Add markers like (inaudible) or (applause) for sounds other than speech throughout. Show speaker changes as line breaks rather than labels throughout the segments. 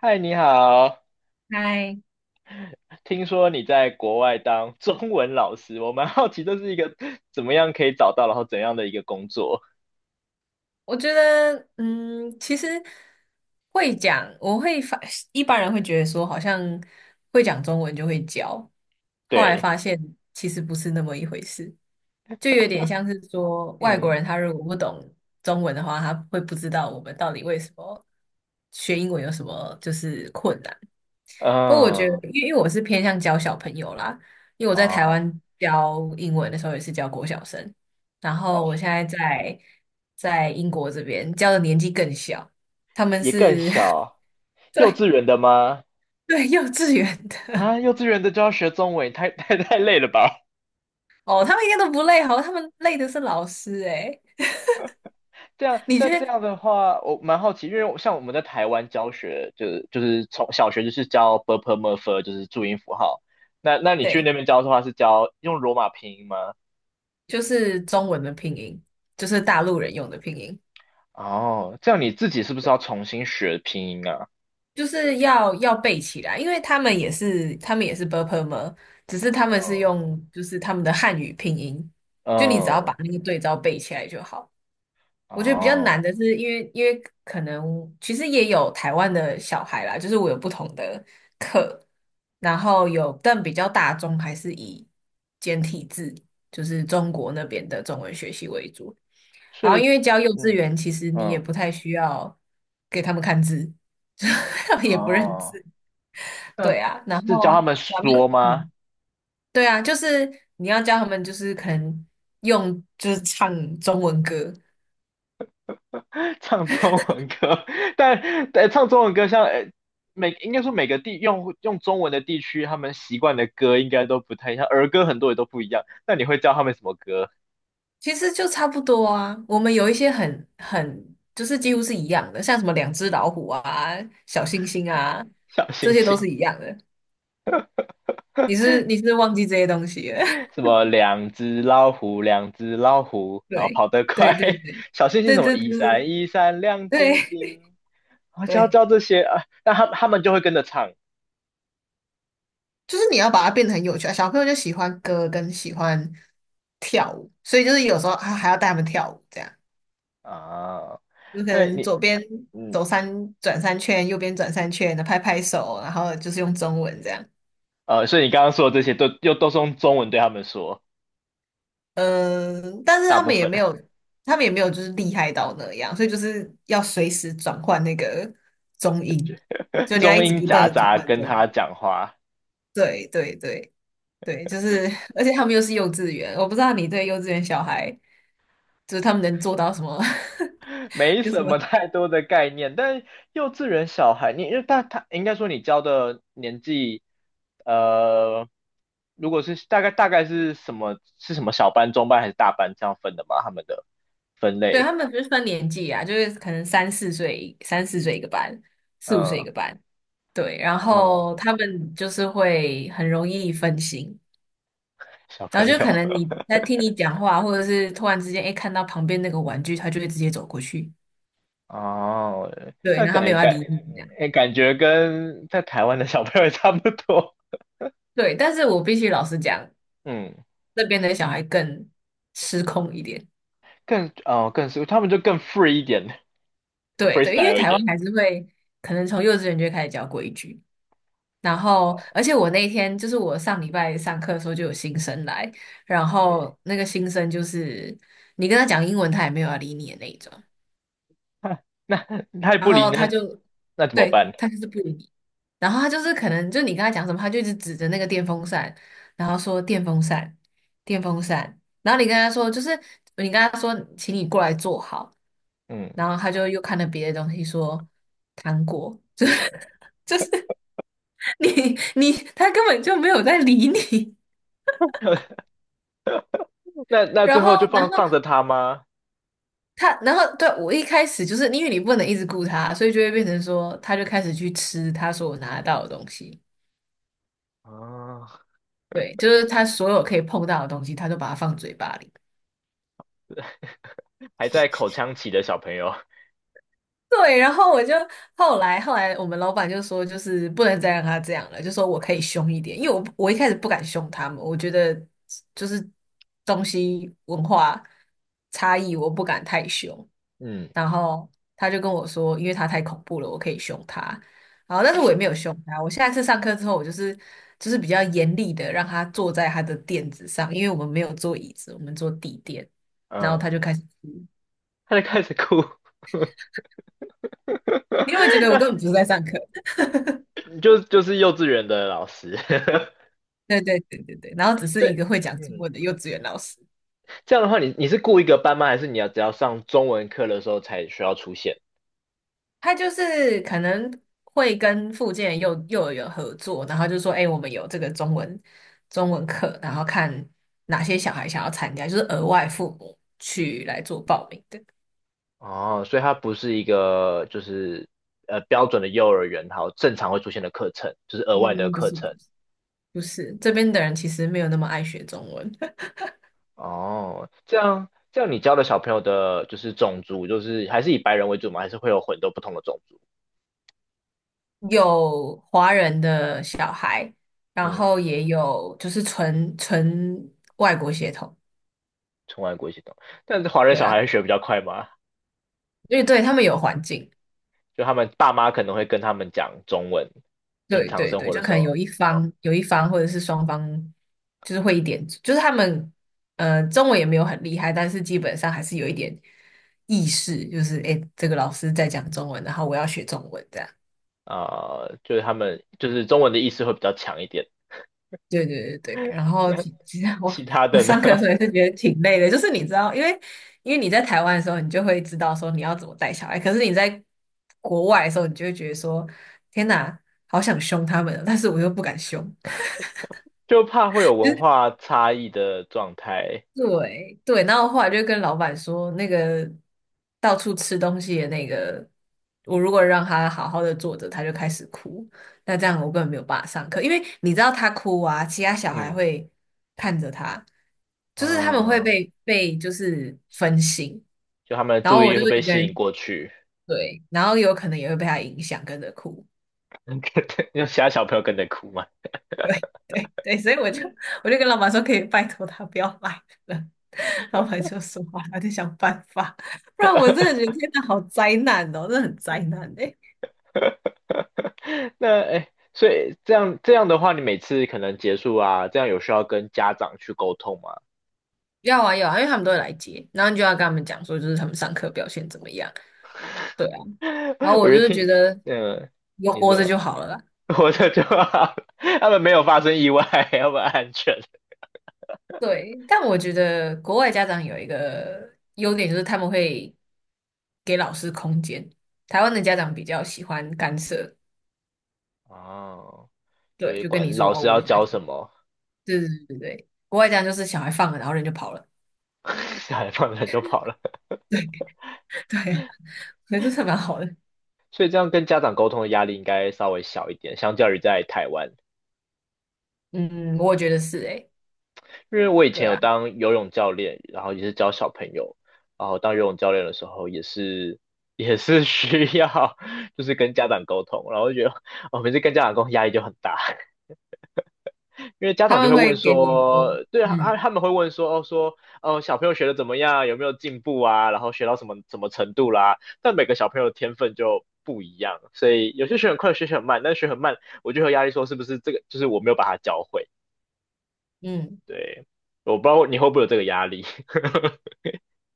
嗨，你好。
嗨，
听说你在国外当中文老师，我蛮好奇这是一个怎么样可以找到，然后怎样的一个工作？
我觉得，其实会讲，我会发，一般人会觉得说，好像会讲中文就会教，后来
对，
发现其实不是那么一回事，就有点像是说，外国
嗯
人他如果不懂中文的话，他会不知道我们到底为什么学英文有什么就是困难。不过我觉得，
嗯
因为我是偏向教小朋友啦，因为我在台
啊，
湾教英文的时候也是教国小生，然
老
后我
师
现在在英国这边教的年纪更小，他们
也更
是
小，
(laughs) 对
幼稚园的吗？
对幼稚园的
啊，幼稚园的就要学中文，太 (laughs) 太累了吧？
哦，他们应该都不累，好，他们累的是老师诶，
这样，
你觉
但这
得
样的话，我蛮好奇，因为我像我们在台湾教学，就是从小学就是教 b p m e r f，就是注音符号。那你去
对，
那边教的话，是教用罗马拼音吗？
就是中文的拼音，就是大陆人用的拼音。
哦，这样你自己是不是要重新学拼音啊？
就是要背起来，因为他们也是 b u r p l e 只是他们是
嗯，
用就是他们的汉语拼音，就你只要把
嗯，
那个对照背起来就好。我觉得比较难
哦，
的是，因为可能其实也有台湾的小孩啦，就是我有不同的课，然后有但比较大众还是以简体字，就是中国那边的中文学习为主。
所
然后
以，
因为教幼稚
嗯
园，其实你也
嗯，
不太需要给他们看字，(laughs) 他们也不认
哦，
字。
那
对啊，然
是教他
后
们
咱们
说吗？
对啊，就是你要教他们，就是可能用就是唱中文歌，
(laughs) 唱中文歌，但但唱中文歌像，每应该说每个地用中文的地区，他们习惯的歌应该都不太一样，儿歌很多也都不一样。那你会教他们什么歌？
其实就差不多啊。我们有一些很就是几乎是一样的，像什么两只老虎啊、小星星
(laughs)
啊，
小
这
星
些都
星
是一样的。你是忘记这些东西了？(laughs)
什么两只老虎，两只老虎，然后
对
跑得快。
对对对
(laughs) 小星星
对
什么
对
一
对
闪一闪亮晶
对
晶，我就要
对。
教这些啊，那他们就会跟着唱
就是你要把它变得很有趣啊。小朋友就喜欢歌跟喜欢跳舞，所以就是有时候还要带他们跳舞，这样
啊。
就可
那
能
你
左边
嗯
走三转三圈，右边转三圈，拍拍手，然后就是用中文这样。
呃，所以你刚刚说的这些都又都是用中文对他们说，
嗯，但是
大
他
部
们也
分
没有，他们也没有就是厉害到那样，所以就是要随时转换那个中音，
(laughs)
就你要一
中
直不
英
断
夹
的转
杂
换
跟
这样。
他讲话。
对对对，对，就是，而且他们又是幼稚园，我不知道你对幼稚园小孩，就是他们能做到什么，(laughs)
没
有什
什么
么
太多的概念，但幼稚园小孩，你因为他应该说你教的年纪，呃，如果是大概是什么小班、中班还是大班这样分的吗？他们的分
(laughs)？对，
类，
他们不是分年纪啊，就是可能三四岁，三四岁一个班，四五岁一
嗯，
个班，对，然
哦，
后他们就是会很容易分心，
小
然
朋
后就
友，
可能你在听你讲话，或者是突然之间，哎，看到旁边那个玩具，他就会直接走过去，
(laughs) 哦，
对，
那
然后他没有要理你这样，
诶感觉跟在台湾的小朋友也差不多，
对，但是我必须老实讲，
嗯，
这边的小孩更失控一点。
更是他们就更 free 一点 (laughs)
对对，因为
，freestyle 一
台湾
点，
还是会可能从幼稚园就会开始教规矩，然后
哦，
而且我那天就是我上礼拜上课的时候就有新生来，然
对。
后那个新生就是你跟他讲英文，他也没有要理你的那一种。
(laughs) 那那太
然
不理
后他
呢？
就，
那怎么
对，
办？
他就是不理你。然后他就是可能就你跟他讲什么，他就一直指着那个电风扇，然后说电风扇，电风扇。然后你跟他说，请你过来坐好。
嗯，
然后他就又看了别的东西说糖果，就是 (laughs) 就是你他根本就没有在理你。
那
然
最后就
后然
放
后
放着他吗？
他然后对我一开始就是因为你不能一直顾他，所以就会变成说他就开始去吃他说我拿得到的东西。
啊，
对，就是他所有可以碰到的东西，他就把它放嘴巴里。
还在口腔期的小朋友，
对，然后我就后来我们老板就说，就是不能再让他这样了，就说我可以凶一点，因为我一开始不敢凶他们，我觉得就是东西文化差异，我不敢太凶。
嗯
然后他就跟我说，因为他太恐怖了，我可以凶他。然后，但是我也没有凶他。我下一次上课之后，我就是比较严厉的让他坐在他的垫子上，因为我们没有坐椅子，我们坐地垫。然后他
嗯，
就开始哭。
他就开始哭，
你有没有觉得我根本不是
(laughs)
在上课？(laughs)
就是幼稚园的老师，
对对对对对。然后只
(laughs)
是一
对，
个会讲中
嗯，
文的幼稚园老师。
这样的话你是雇一个班吗？还是你要只要上中文课的时候才需要出现？
他就是可能会跟附近的幼儿园合作，然后就说，哎、我们有这个中文课，然后看哪些小孩想要参加，就是额外父母去来做报名的。
哦，所以它不是一个就是标准的幼儿园，好正常会出现的课程，就是额外的
嗯，不
课
是
程。
不是，这边的人其实没有那么爱学中文，
哦，这样这样，你教的小朋友的就是种族，就是还是以白人为主吗？还是会有很多不同的种族？
(laughs) 有华人的小孩，然
嗯，
后也有就是纯纯外国血统，
从外国一起懂，但是华人
对
小
啊，
孩学比较快吗？
因为对他们有环境。
就他们爸妈可能会跟他们讲中文，平
对
常
对
生
对，
活
就
的
可
时
能
候，
有一方或者是双方，就是会一点，就是他们中文也没有很厉害，但是基本上还是有一点意识，就是诶，这个老师在讲中文，然后我要学中文这样。
啊、就是他们就是中文的意识会比较强一点。
对对对对，然后
(laughs)
其实我
其他
我
的呢，
上课的时
(laughs)
候也是觉得挺累的，就是你知道，因为你在台湾的时候，你就会知道说你要怎么带小孩，可是你在国外的时候，你就会觉得说天哪，好想凶他们哦，但是我又不敢凶。
就怕会有文化差异的状态。
对对，然后后来就跟老板说，那个到处吃东西的那个，我如果让他好好的坐着，他就开始哭，那这样我根本没有办法上课，因为你知道他哭啊，其他小孩
嗯
会看着他，就是他们会
嗯，
被就是分心，
就他们的
然
注
后
意
我
力
就
会被
一个
吸引
人，
过去。
对，然后有可能也会被他影响跟着哭。
(laughs) 有其他小朋友跟着哭吗？
(laughs) 对对对，所以我就跟老板说，可以拜托他不要来了。(laughs) 老板就说好，他就想办法，不然我真的觉得天哪，好灾难哦，真的很灾难哎、
(laughs) 那哎，诶所以这样这样的话，你每次可能结束啊，这样有需要跟家长去沟通吗？
要啊要啊，因为他们都会来接，然后你就要跟他们讲说，就是他们上课表现怎么样。对啊，然后
(laughs) 我
我就
就
是觉
听，
得
嗯，
有
你
活着就
说
好了啦。
(laughs) 活着就好，他们没有发生意外，他们安全。
对，但我觉得国外家长有一个优点，就是他们会给老师空间。台湾的家长比较喜欢干涉，
哦，就
对，
是
就跟你
管
说
老
哦，
师
我的
要
小孩。
教什么，
对对对对对，国外这样就是小孩放了，然后人就跑了。
(laughs) 小孩放着就跑了。(laughs)
对 (laughs) 对啊，所以这蛮好的。
所以这样跟家长沟通的压力应该稍微小一点，相较于在台湾。
嗯，我觉得是诶、
因为我以
对
前有
啊，
当游泳教练，然后也是教小朋友，然后当游泳教练的时候也是需要 (laughs) 就是跟家长沟通，然后就觉得哦，每次跟家长沟通压力就很大，(laughs) 因为家
他
长就会
们会
问
给你很多，
说，对啊，他
嗯
他们会问说小朋友学的怎么样，有没有进步啊，然后学到什么什么程度啦，但每个小朋友的天分就不一样，所以有些学很快，有些学很慢，但学很慢，我就有压力，说是不是这个就是我没有把它教会？
嗯，
对，我不知道你会不会有这个压力。(laughs)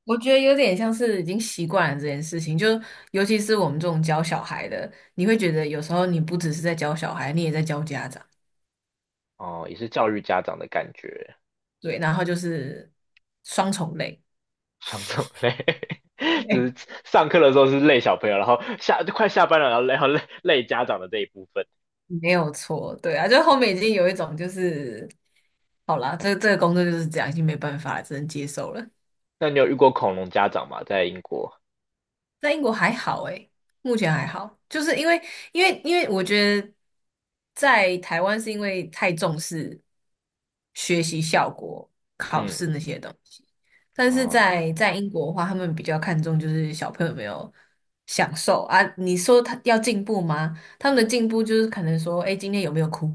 我觉得有点像是已经习惯了这件事情，就尤其是我们这种教小孩的，你会觉得有时候你不只是在教小孩，你也在教家长，
哦，也是教育家长的感觉，
对，然后就是双重累，
双重累，(laughs) 就
对，
是上课的时候是累小朋友，然后下就快下班了，然后累，然后累家长的这一部分。
没有错，对啊，就后面已经有一种就是，好啦，这个工作就是这样，已经没办法了，只能接受了。
那你有遇过恐龙家长吗？在英国？
在英国还好诶，目前还好，就是因为我觉得在台湾是因为太重视学习效果、考
嗯，
试那些东西，但是
哦，
在英国的话，他们比较看重就是小朋友有没有享受啊。你说他要进步吗？他们的进步就是可能说，哎，今天有没有哭？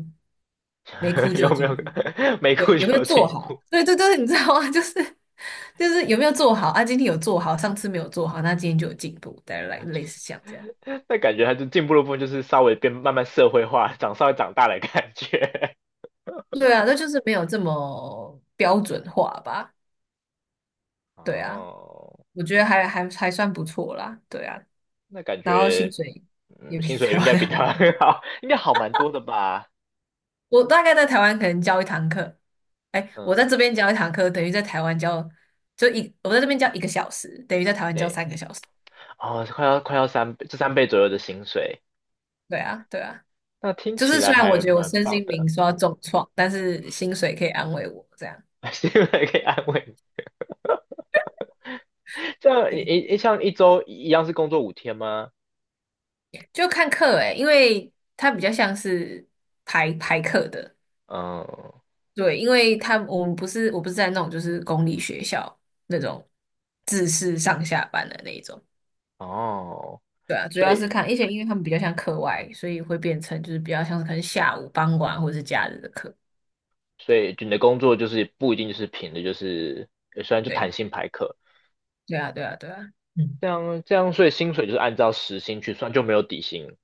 没哭
(laughs)
就
有
有
没
进
有
步。
(laughs) 没哭
对，有没
就
有
有
做
进
好？
步？
对对对，你知道吗？(laughs) 就是有没有做好啊？今天有做好，上次没有做好，那今天就有进步，大来类似像这样。
(laughs) 那感觉还是进步的部分就是稍微变慢慢社会化，长稍微长大的感觉。
对啊，那就是没有这么标准化吧？
(laughs)
对啊，
哦，
我觉得还算不错啦。对啊，
那感
然后薪
觉
水也比
薪水
台
应该比
湾
他
好。
(laughs) 好，应该好蛮多的吧？
(laughs) 我大概在台湾可能教一堂课，哎，我在
嗯，
这边教一堂课，等于在台湾教就一，我在这边教一个小时，等于在台湾教
对。
三个小时。
哦，快要三倍，这三倍左右的薪水，
对啊，对啊。
那听
就
起
是
来
虽然我
还
觉得我
蛮
身
棒
心灵
的。
受到
嗯，
重创，但是薪水可以安慰我，这样
(laughs) 希望可以安慰你。这样
对，
一像一周一样是工作5天吗？
就看课诶、因为它比较像是排排课的，
嗯，
对，因为他我不是在那种就是公立学校那种自式上下班的那一种，
哦，
对啊，主
所
要是
以
看，而且因为他们比较像课外，所以会变成就是比较像是可能下午、傍晚或者是假日的课，
所以你的工作就是不一定就是平的，就是虽然就弹
对，
性排课，
对啊，对啊，对啊，嗯。
这样这样，所以薪水就是按照时薪去算，就没有底薪。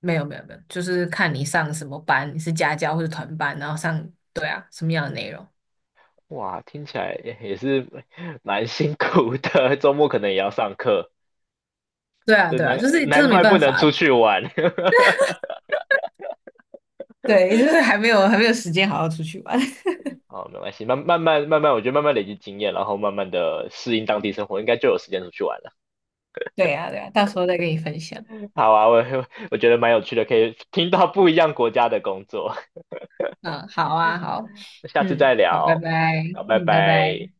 没有没有没有，就是看你上什么班，你是家教或者团班，然后上，对啊，什么样的内容？
哇，听起来也是蛮辛苦的，(laughs) 周末可能也要上课，
对啊
就
对
难
啊，就是真
难
的没
怪不
办
能
法，
出去玩。(laughs)
对，就是还没有时间好好出去玩。
哦，没关系，慢慢，我觉得慢慢累积经验，然后慢慢的适应当地生活，应该就有时间出去玩了。
(laughs) 对啊对啊，到时候再跟你分享。
(laughs) 好啊，我 (laughs) 我觉得蛮有趣的，可以听到不一样国家的工作，
嗯，好啊好，
(laughs) 下次再
嗯，好，拜
聊，
拜，
好，拜
嗯，拜拜。
拜。